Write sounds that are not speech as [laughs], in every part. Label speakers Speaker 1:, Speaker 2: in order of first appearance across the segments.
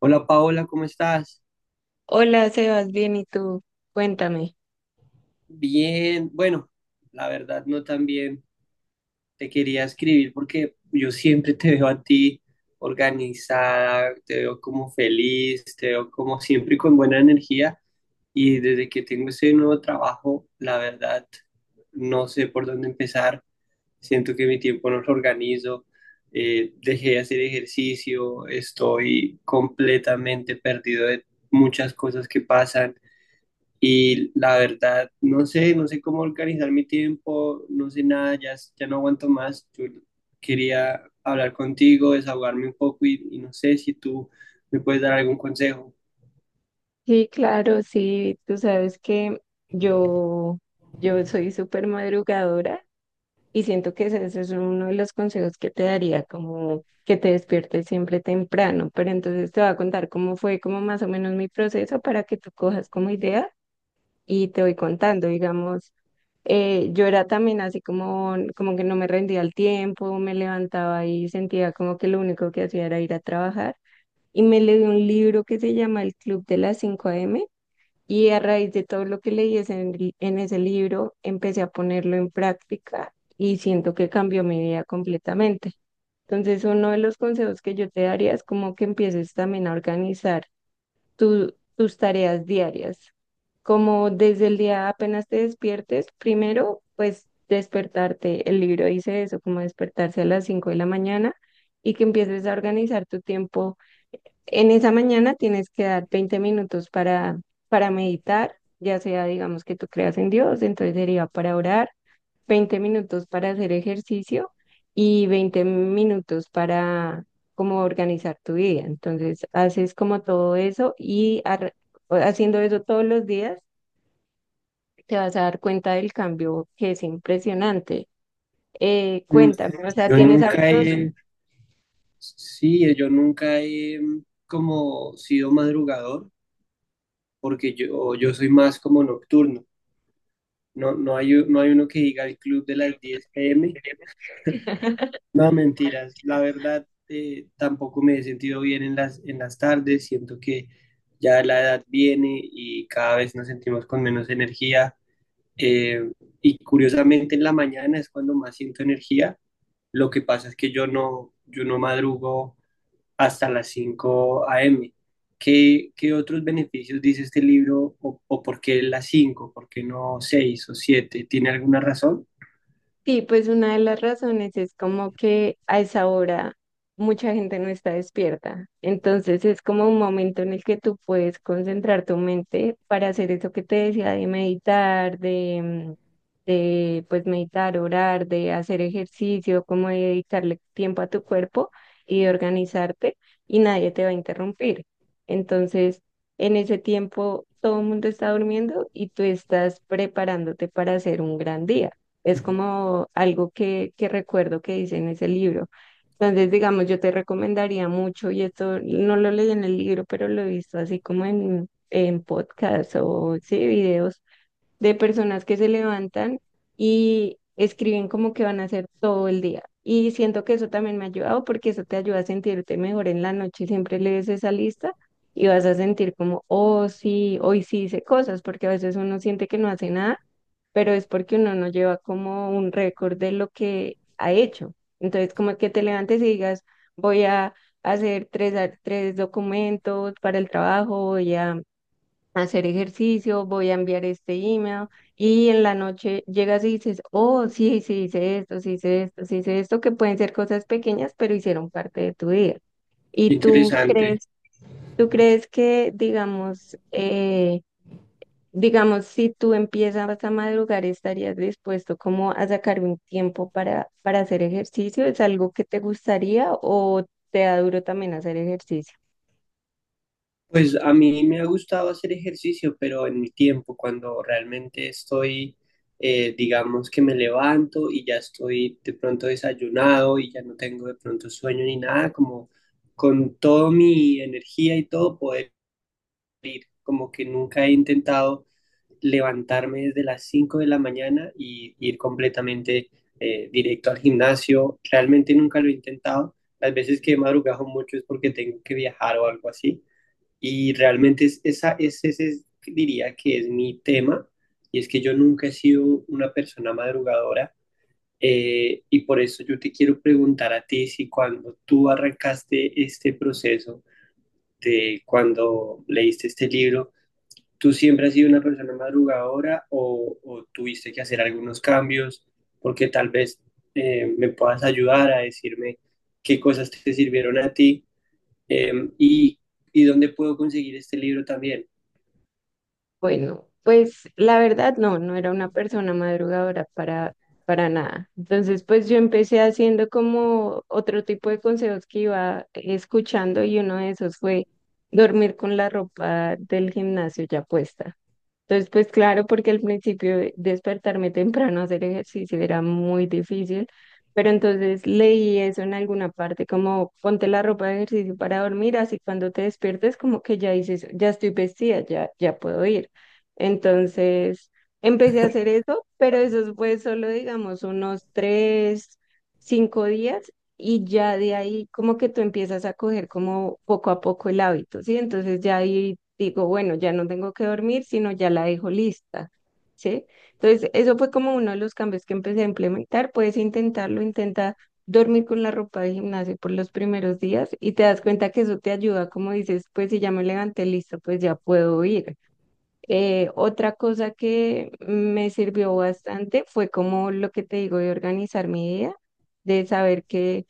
Speaker 1: Hola Paola, ¿cómo estás?
Speaker 2: Hola, Sebas, bien, ¿y tú? Cuéntame.
Speaker 1: Bien, bueno, la verdad no tan bien. Te quería escribir porque yo siempre te veo a ti organizada, te veo como feliz, te veo como siempre con buena energía y desde que tengo ese nuevo trabajo, la verdad no sé por dónde empezar. Siento que mi tiempo no lo organizo, dejé de hacer ejercicio, estoy completamente perdido de muchas cosas que pasan. Y la verdad, no sé, no sé cómo organizar mi tiempo, no sé nada, ya, ya no aguanto más. Yo quería hablar contigo, desahogarme un poco y no sé si tú me puedes dar algún consejo.
Speaker 2: Sí, claro, sí, tú sabes que yo, yo soy súper madrugadora y siento que ese es uno de los consejos que te daría, como que te despiertes siempre temprano, pero entonces te voy a contar cómo fue como más o menos mi proceso para que tú cojas como idea y te voy contando, digamos, yo era también así como, como que no me rendía el tiempo, me levantaba y sentía como que lo único que hacía era ir a trabajar. Y me leí un libro que se llama El Club de las 5 m y a raíz de todo lo que leí en ese libro empecé a ponerlo en práctica y siento que cambió mi vida completamente. Entonces, uno de los consejos que yo te daría es como que empieces también a organizar tus tareas diarias. Como desde el día apenas te despiertes, primero, pues despertarte, el libro dice eso, como despertarse a las 5 de la mañana y que empieces a organizar tu tiempo en esa mañana tienes que dar 20 minutos para meditar, ya sea, digamos, que tú creas en Dios, entonces sería para orar, 20 minutos para hacer ejercicio y 20 minutos para como organizar tu vida. Entonces, haces como todo eso haciendo eso todos los días, te vas a dar cuenta del cambio que es impresionante.
Speaker 1: Mm,
Speaker 2: Cuéntame, o sea,
Speaker 1: yo
Speaker 2: ¿tienes
Speaker 1: nunca
Speaker 2: hábitos?
Speaker 1: he, sí, yo nunca he como sido madrugador, porque yo soy más como nocturno. No hay uno que diga el club de las 10 p.m. No, mentiras. La verdad, tampoco me he sentido bien en las tardes. Siento que ya la edad viene y cada vez nos sentimos con menos energía. Eh, y curiosamente en la mañana es cuando más siento energía. Lo que pasa es que yo no madrugo hasta las 5 a.m. ¿Qué, qué otros beneficios dice este libro o por qué las 5? ¿Por qué no 6 o 7? ¿Tiene alguna razón?
Speaker 2: Sí, pues una de las razones es como que a esa hora mucha gente no está despierta. Entonces es como un momento en el que tú puedes concentrar tu mente para hacer eso que te decía de meditar, de, de pues meditar, orar, de hacer ejercicio, como de dedicarle tiempo a tu cuerpo y de organizarte y nadie te va a interrumpir. Entonces, en ese tiempo todo el mundo está durmiendo y tú estás preparándote para hacer un gran día. Es como algo que recuerdo que dice en ese libro. Entonces, digamos, yo te recomendaría mucho, y esto no lo leí en el libro, pero lo he visto así como en podcasts o sí, videos de personas que se levantan y escriben como que van a hacer todo el día. Y siento que eso también me ha ayudado porque eso te ayuda a sentirte mejor en la noche. Siempre lees esa lista y vas a sentir como, oh, sí, hoy sí hice cosas, porque a veces uno siente que no hace nada pero es porque uno no lleva como un récord de lo que ha hecho. Entonces, como que te levantes y digas, voy a tres documentos para el trabajo, voy a hacer ejercicio, voy a enviar este email y en la noche llegas y dices, oh, sí, sí hice esto, sí hice esto, sí hice esto, que pueden ser cosas pequeñas, pero hicieron parte de tu día. Y tú
Speaker 1: Interesante.
Speaker 2: crees, Tú crees que, digamos, digamos, si tú empiezas a madrugar, ¿estarías dispuesto como a sacar un tiempo para hacer ejercicio? ¿Es algo que te gustaría o te da duro también hacer ejercicio?
Speaker 1: Pues a mí me ha gustado hacer ejercicio, pero en mi tiempo, cuando realmente estoy, digamos que me levanto y ya estoy de pronto desayunado y ya no tengo de pronto sueño ni nada, como con toda mi energía y todo poder ir, como que nunca he intentado levantarme desde las 5 de la mañana y ir completamente directo al gimnasio, realmente nunca lo he intentado, las veces que he madrugado mucho es porque tengo que viajar o algo así y realmente es, esa, es, ese es- diría que es mi tema, y es que yo nunca he sido una persona madrugadora, y por eso yo te quiero preguntar a ti si cuando tú arrancaste este proceso de cuando leíste este libro, ¿tú siempre has sido una persona madrugadora o tuviste que hacer algunos cambios? Porque tal vez me puedas ayudar a decirme qué cosas te sirvieron a ti, eh, y, y dónde puedo conseguir este libro también.
Speaker 2: Bueno, pues la verdad no era una persona madrugadora para nada. Entonces, pues yo empecé haciendo como otro tipo de consejos que iba escuchando y uno de esos fue dormir con la ropa del gimnasio ya puesta. Entonces, pues claro, porque al principio despertarme temprano a hacer ejercicio era muy difícil, pero entonces leí eso en alguna parte, como ponte la ropa de ejercicio para dormir, así cuando te despiertes como que ya dices, ya estoy vestida, ya puedo ir. Entonces, empecé a hacer eso, pero eso fue solo, digamos, cinco días y ya de ahí como que tú empiezas a coger como poco a poco el hábito, ¿sí? Entonces ya ahí digo, bueno, ya no tengo que dormir, sino ya la dejo lista, ¿sí? Entonces, eso fue como uno de los cambios que empecé a implementar. Puedes intentarlo, intenta dormir con la ropa de gimnasio por los primeros días y te das cuenta que eso te ayuda, como dices, pues si ya me levanté lista, pues ya puedo ir. Otra cosa que me sirvió bastante fue como lo que te digo de organizar mi día, de saber que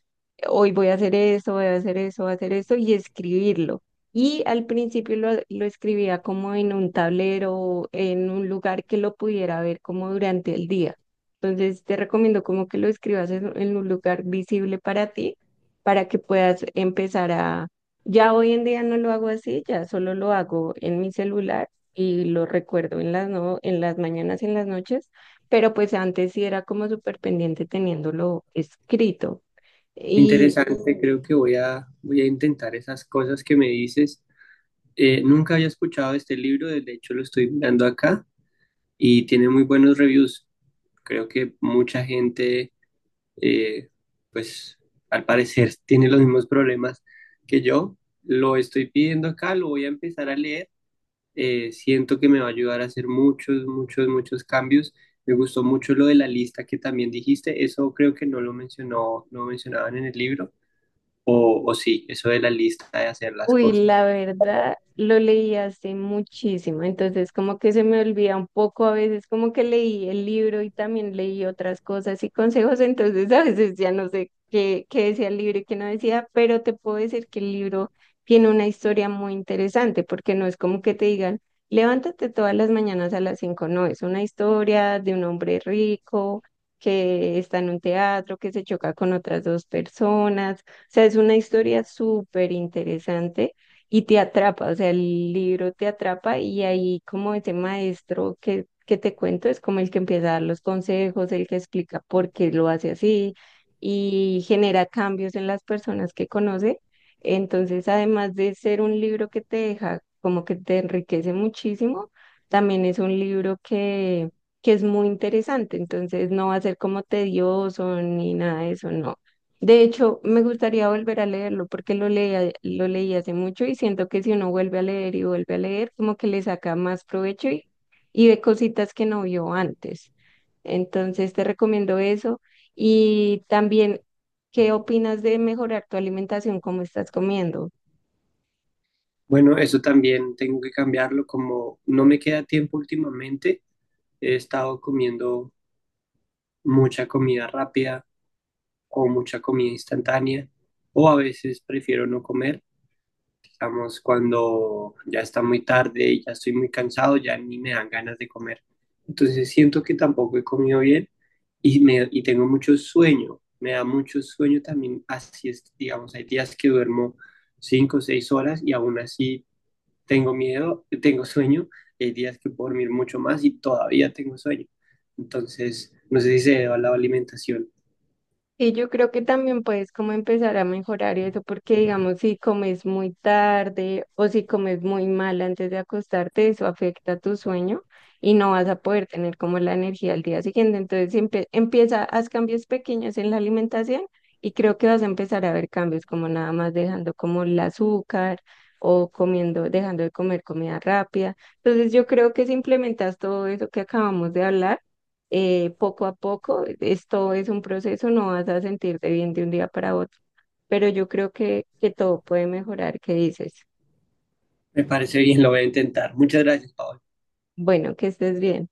Speaker 2: hoy voy a hacer esto, voy a hacer eso, voy a hacer esto y escribirlo. Y al principio lo escribía como en un tablero, en un lugar que lo pudiera ver como durante el día. Entonces te recomiendo como que lo escribas en un lugar visible para ti, para que puedas empezar a... Ya hoy en día no lo hago así, ya solo lo hago en mi celular y lo recuerdo en las, no, en las mañanas y en las noches, pero pues antes sí era como súper pendiente teniéndolo escrito.
Speaker 1: Qué interesante, creo que voy a intentar esas cosas que me dices. Nunca había escuchado este libro, de hecho lo estoy mirando acá y tiene muy buenos reviews. Creo que mucha gente, eh, pues al parecer, [laughs] tiene los mismos problemas que yo. Lo estoy pidiendo acá, lo voy a empezar a leer. Siento que me va a ayudar a hacer muchos cambios. Me gustó mucho lo de la lista que también dijiste. Eso creo que no mencionaban en el libro o sí, eso de la lista de hacer las
Speaker 2: Uy,
Speaker 1: cosas.
Speaker 2: la verdad, lo leí hace muchísimo, entonces como que se me olvida un poco a veces, como que leí el libro y también leí otras cosas y consejos, entonces [laughs] a veces ya no sé qué decía el libro y qué no decía, pero te puedo decir que el libro tiene una historia muy interesante, porque no es como que te digan, levántate todas las mañanas a las cinco, no, es una historia de un hombre rico que está en un teatro, que se choca con otras dos personas sea, es una historia súper interesante y te atrapa, o sea, el libro te atrapa y ahí como ese maestro que te cuento es como el que empieza a dar los consejos, el que explica por qué lo hace así y genera cambios en las personas que conoce. Entonces, además de ser un libro que te deja, como que te enriquece muchísimo, también es un libro que es muy interesante, entonces no va a ser como tedioso ni nada de eso, no. De hecho, me gustaría volver a leerlo porque lo leí hace mucho y siento que si uno vuelve a leer y vuelve a leer, como que le saca más provecho y ve cositas que no vio antes. Entonces, te recomiendo eso. Y también, ¿qué opinas de mejorar tu alimentación? ¿Cómo estás comiendo?
Speaker 1: Bueno, eso también tengo que cambiarlo, como no me queda tiempo últimamente, he estado comiendo mucha comida rápida o mucha comida instantánea, o a veces prefiero no comer. Digamos, cuando ya está muy tarde y ya estoy muy cansado, ya ni me dan ganas de comer. Entonces siento que tampoco he comido bien y tengo mucho sueño. Me da mucho sueño también, así es, digamos, hay días que duermo cinco o seis horas y aún así tengo miedo, tengo sueño, hay días que puedo dormir mucho más y todavía tengo sueño. Entonces, no sé si se debe a la alimentación.
Speaker 2: Y yo creo que también puedes como empezar a mejorar eso, porque digamos, si comes muy tarde o si comes muy mal antes de acostarte, eso afecta tu sueño y no vas a poder tener como la energía al día siguiente. Entonces, empieza, haz cambios pequeños en la alimentación y creo que vas a empezar a ver cambios como nada más dejando como el azúcar o comiendo, dejando de comer comida rápida. Entonces, yo creo que si implementas todo eso que acabamos de hablar, poco a poco, esto es un proceso, no vas a sentirte bien de un día para otro, pero yo creo que todo puede mejorar, ¿qué dices?
Speaker 1: Me parece bien, lo voy a intentar. Muchas gracias, Pablo.
Speaker 2: Bueno, que estés bien.